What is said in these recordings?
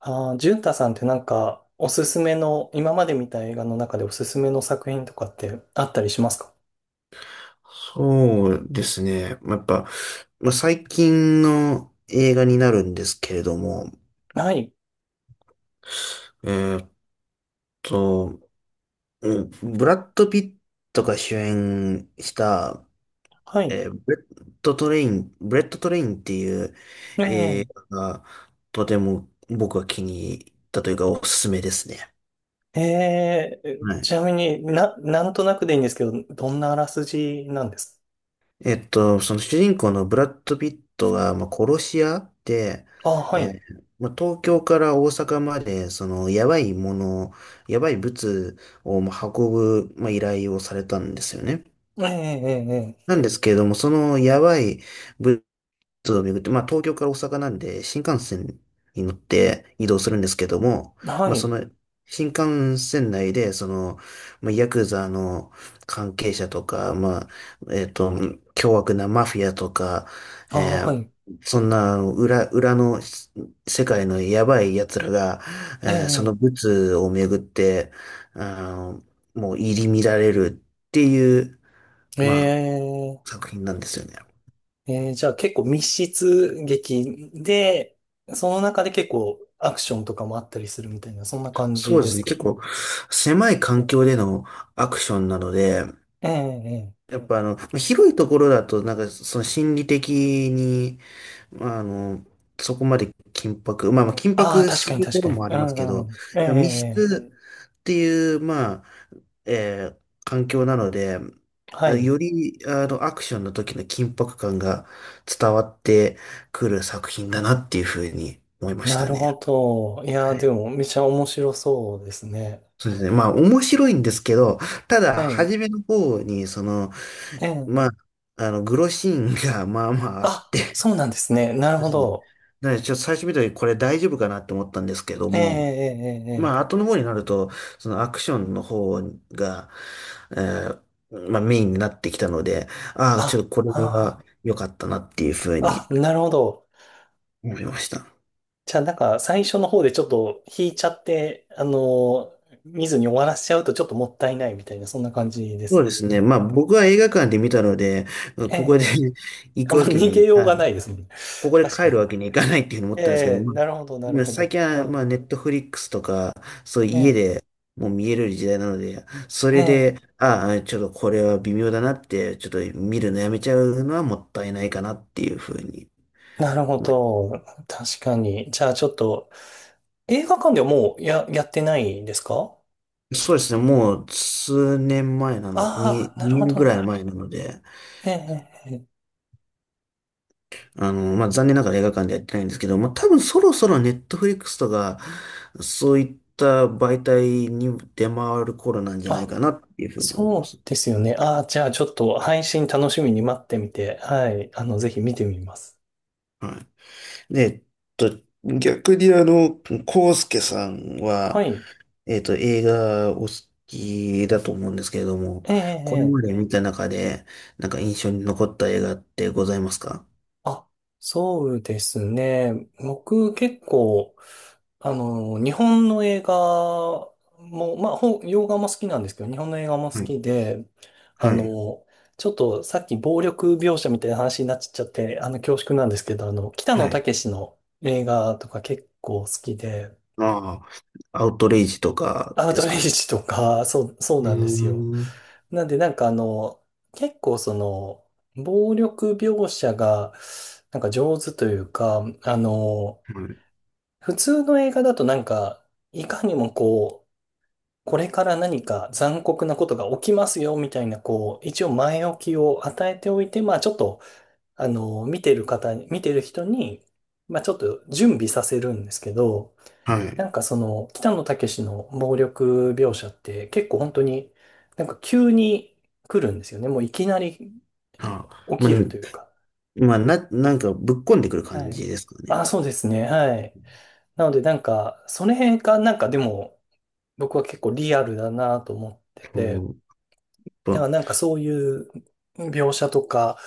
ああ、淳太さんっておすすめの、今まで見た映画の中でおすすめの作品とかってあったりしますか？そうですね。まあやっぱ、まあ、最近の映画になるんですけれども、はい。えーっと、うんブラッド・ピットが主演した、はい。ブレッド・トレイン、ブレッド・トレインっていうえ映え。画がとても僕は気に入ったというかおすすめですね。ええ、はちい。なみになんとなくでいいんですけど、どんなあらすじなんですその主人公のブラッド・ピットが、殺し屋で、か？ああ、はい。東京から大阪まで、その、やばいもの、やばい物を、運ぶ、依頼をされたんですよね。ええ、ええ、えなんですけれども、そのやばい物都道を巡って、まあ東京から大阪なんで新幹線に乗って移動するんですけども、え。はそい。の新幹線内で、その、ヤクザの関係者とか、えっと、凶悪なマフィアとか、ああ、えはーい。そんなあの裏の世界のやばい奴らが、えそのえ、ブツを巡って、あの、もう入り乱れるっていう、えまえ、作品なんですよね。ええ。じゃあ結構密室劇で、その中で結構アクションとかもあったりするみたいな、そんな感そじうでですすね。か？結構狭い環境でのアクションなので、ええ、ええ、え、やっぱあの、広いところだと、なんかその心理的に、まああの、そこまでまあまあ緊ああ、迫確すかにる確ことかもに。ありうますけんうど、ん。ええ、密え室っていう、えー環境なので、え。はい。よりあのアクションの時の緊迫感が伝わってくる作品だなっていうふうに思いましなたるね。ほど。いやー、でも、めちゃ面白そうですね。そうですね。面白いんですけど、ただ、はい。初めの方に、その、ええ。まあ、グロシーンが、まあまああっあ、て、そうなんですね。なるそうでほすね。ど。なので、ちょっと最初見た時、これ大丈夫かなって思ったんですけどええ、も、ええ、ええ。ええ、後の方になると、そのアクションの方が、えメインになってきたので、ああ、ちょっあ、とこれはあ良かったなっていうふうあ、にあ、なるほど。思いました。じゃあ、なんか、最初の方でちょっと引いちゃって、ー見ずに終わらせちゃうとちょっともったいないみたいな、そんな感じでそうす。ですね。僕は映画館で見たので、ええ、こえこで え、 行あくんまわけ逃げに、ようがないですもんね。ここで確か帰るに。わけにいかないっていうふうに思っえたんですけど、え、まなあ、るほど、なるまあほ最ど。近は、あネットフリックスとか、そういうー、家えでもう見える時代なので、そえ、えれで、え。ああ、ちょっとこれは微妙だなって、ちょっと見るのやめちゃうのはもったいないかなっていうふうになるほ思いまど。確かに。じゃあちょっと、映画館ではもうやってないんですか？す。そうですね、もう数年前なの、あ2、あー、なるほ年ど、ぐならるいほど。前なので、え、ええ、ええ、え、残念ながら映画館でやってないんですけど、多分そろそろネットフリックスとか、そういった媒体に出回る頃なんじゃないかあ、なっていうふうに思いまそす。うですよね。ああ、じゃあちょっと配信楽しみに待ってみて、はい。あの、ぜひ見てみます。はい。で、逆にコウスケさんはは、い。映画お好きだと思うんですけれども、ええ、えこれえ。えまでえ、見た中で、なんか印象に残った映画ってございますか？あ、そうですね。僕結構、あの、日本の映画も、まあ、洋画も好きなんですけど、日本の映画も好はい。きで、あはい。の、ちょっとさっき暴力描写みたいな話になっちゃって、あの、恐縮なんですけど、あの、北野はい。武の映画とか結構好きで、ああ、アウトレイジとかアウでトすレイかね。ジとか、そう、そううなんですよ。ーん。はなんかあの、結構その、暴力描写が、なんか上手というか、あの、い。普通の映画だとなんか、いかにもこう、これから何か残酷なことが起きますよ、みたいな、こう、一応前置きを与えておいて、まあちょっと、あの、見てる人に、まあちょっと準備させるんですけど、はない。んかその、北野武の暴力描写って結構本当になんか急に来るんですよね。もういきなりああ、起きるというか。なんかぶっこんでくるは感じい。ですかね。あ、そうですね。はい。なのでなんか、それがなんかでも僕は結構リアルだなと思ってて、そう。まだかあ、らなんかそういう描写とか、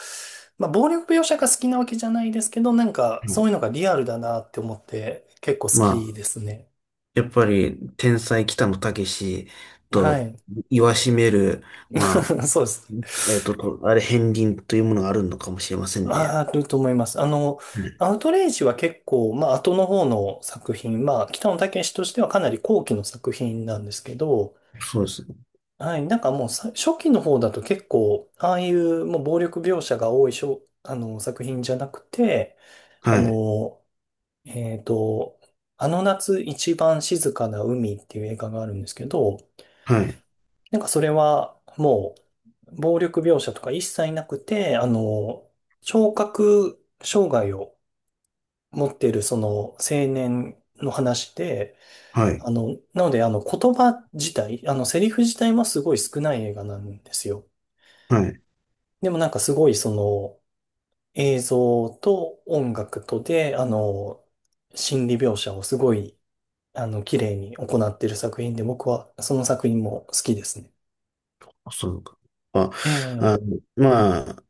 まあ暴力描写が好きなわけじゃないですけど、なんかはそういいうのがリアルだなって思って結構好まきあですね。やっぱり天才北野武とはい。言わしめる、ま そうですね。あれ、片鱗というものがあるのかもしれませんね。あ、あると思います。あの、うん。アウトレイジは結構、まあ後の方の作品、まあ北野武としてはかなり後期の作品なんですけど、そうですね。はい、なんかもう初期の方だと結構、ああいうもう暴力描写が多いあの作品じゃなくて、あはい、の、えっと、あの夏一番静かな海っていう映画があるんですけど、はい、なんかそれはもう暴力描写とか一切なくて、あの、聴覚障害を持っているその青年の話で、はい、あの、なのであの言葉自体、あのセリフ自体もすごい少ない映画なんですよ。はい。でもなんかすごいその映像と音楽とで、あの、心理描写をすごいあの、綺麗に行っている作品で、僕はその作品も好きですね。あそうか。あ、ええ、あの、まあ、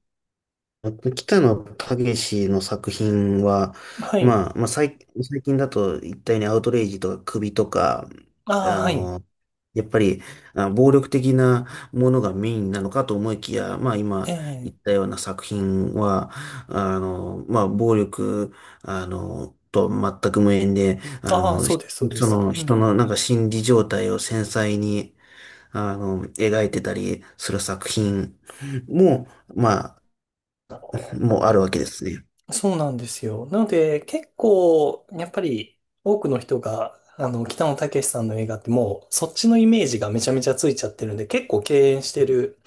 あと、北野武の作品は、はい。最近だと言ったようにアウトレイジとか首とか、あああ、はい。の、やっぱり、暴力的なものがメインなのかと思いきや、まあえ今言え、ったような作品は、あの、まあ暴力、あの、と全く無縁で、ああ、そうです、そうでそす。のう人のん。なんか心理状態を繊細に、描いてたりする作品も、まあ、もあるわけですね。そうなんですよ。なので、結構、やっぱり、多くの人が、あの、北野武さんの映画ってもう、そっちのイメージがめちゃめちゃついちゃってるんで、結構敬遠してる、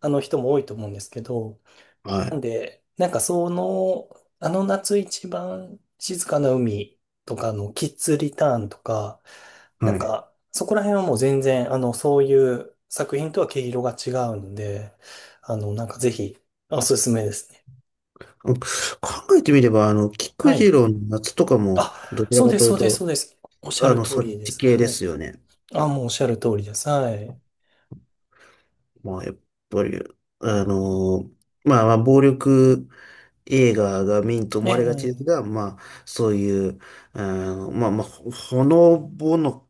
あの人も多いと思うんですけど、はい。なんかその、あの夏一番静かな海とかのキッズリターンとか、なはんい。かそこら辺はもう全然、あの、そういう作品とは毛色が違うので、あの、なんかぜひ、おすすめですね。考えてみれば、あの、は菊次い。郎の夏とかも、あ、どちらそうかでとす、いうそうです、と、そうです。おっしゃあるの、通そっりでちす。系ではい。すよね。あ、もうおっしゃる通りです。はい。まあ、やっぱり、あの、まあ、まあ、暴力映画がメインとえ思われがちですえ、が、そういう、あほのぼの、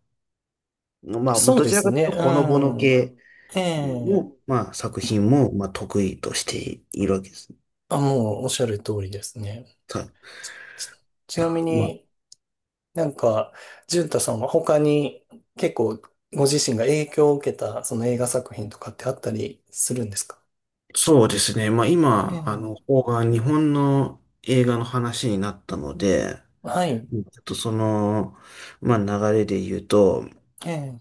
まあそうどでちらすかというね。と、ほのぼのうん。系ええ、の、作品も、得意としているわけです。あ、もうおっしゃる通りですね。さ、ち、ちいなみまあに、なんか、淳太さんは他に結構ご自身が影響を受けたその映画作品とかってあったりするんですか？そうですね。まあえ今、あの、え、方が日本の映画の話になったので、はい。うんちょっとその、まあ流れで言うと、ええ、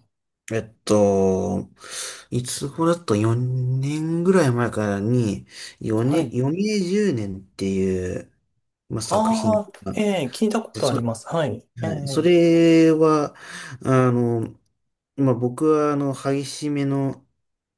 えっと、いつ頃だと4年ぐらい前からに、は4い。年、余命10年っていう、作品ああ、が、ええ聞いたことあそります。はい。えはい。そえ、れは、あの、僕は、激しめの、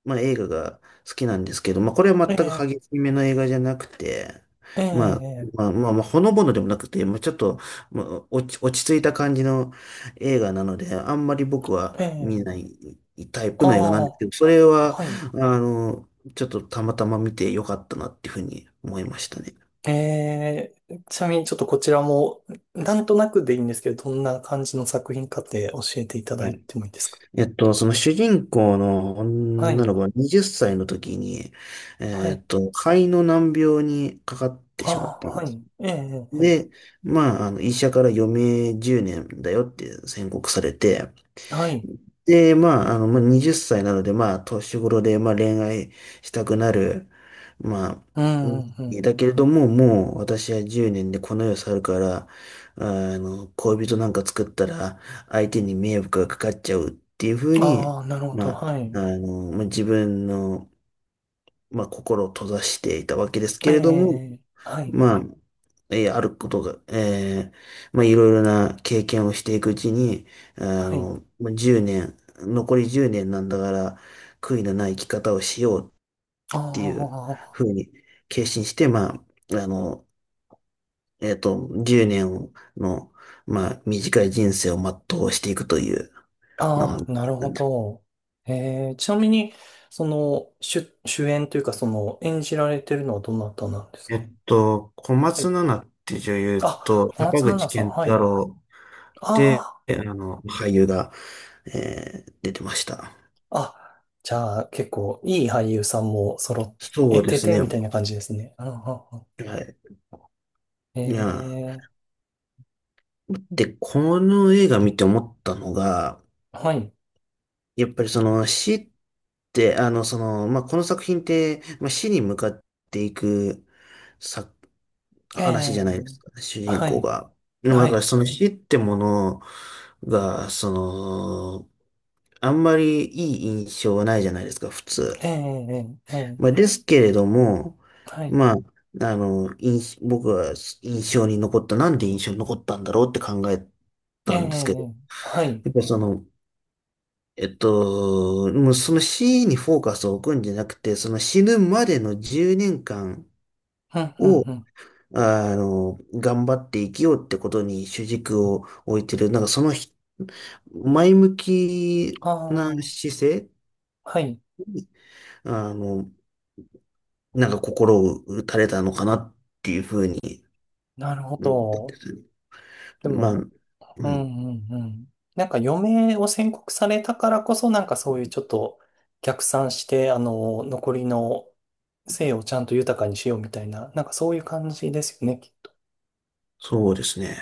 映画が好きなんですけど、まあ、これは全くええ、激しめの映画じゃなくて、まあ、えほのぼのでもなくて、まあ、ちょっと、まあ、落ち着いた感じの映画なので、あんまり僕はえ、見なええ、いタイプあの映画なんですあ、けど、それは、はい。あの、ちょっとたまたま見てよかったなっていうふうに思いましたね。ええ、ちなみにちょっとこちらも、なんとなくでいいんですけど、どんな感じの作品かって教えていただはいい。てもいいですか？その主人公のは女い。の子は20歳の時に、はい。肺の難病にかかってあしまっあ、たんではす。い。ええ、えで、医者から余命10年だよって宣告されて、え、はい。で、もう20歳なので、年頃で、恋愛したくなる、まあ、うんうんうん。だけれども、もう、私は10年でこの世を去るから、恋人なんか作ったら、相手に迷惑がかかっちゃうっていうふうに、ああ、なるほまど。あ、はい。自分の、心を閉ざしていたわけですえけえ、れえども、え、はい。まあ、えーあることが、えーまあ、いろいろな経験をしていくうちに、はい。1年、残り10年なんだから、悔いのない生き方をしようっていうあふうに決心して、あの、10年の、短い人生を全うしていくという、まあ、もあ、あう、あ、なるなほんてど。ええ、ちなみに、その、主演というか、その、演じられてるのはどなたなんですか？小は松い。菜奈って女優あ、と、小松坂菜口奈さん。健は太い。郎って、あ俳優が、出てました。あ、あ、じゃあ、結構、いい俳優さんも揃えそうでてすて、ね。みはたいな感じですね。うんうんうん。い。えいや、え、で、この映画見て思ったのが、はい。やっぱりその死って、あの、その、まあ、この作品って、死に向かっていくさ、え話じゃないでえ、すかね、主人は公い。が。でもだはからい。その死ってものが、あんまりいい印象はないじゃないですか、普通。ええ、ええ、ええ。ですけれども、はい。僕は印象に残った、なんで印象に残ったんだろうって考えええ、たんですけど、ええ、はい。やっぱその、えっと、もうその死にフォーカスを置くんじゃなくて、その死ぬまでの10年間うん、うん、を、うん。頑張って生きようってことに主軸を置いてる、なんかそのひ前向きあなあ、姿勢はい。に、あの、なんか心を打たれたのかなっていうふうになるほうんど。でまあ、も、ううん、ん、うん、うん。なんか余命を宣告されたからこそ、なんかそういうちょっと逆算して、あの、残りの生をちゃんと豊かにしようみたいな、なんかそういう感じですよね。そうですね。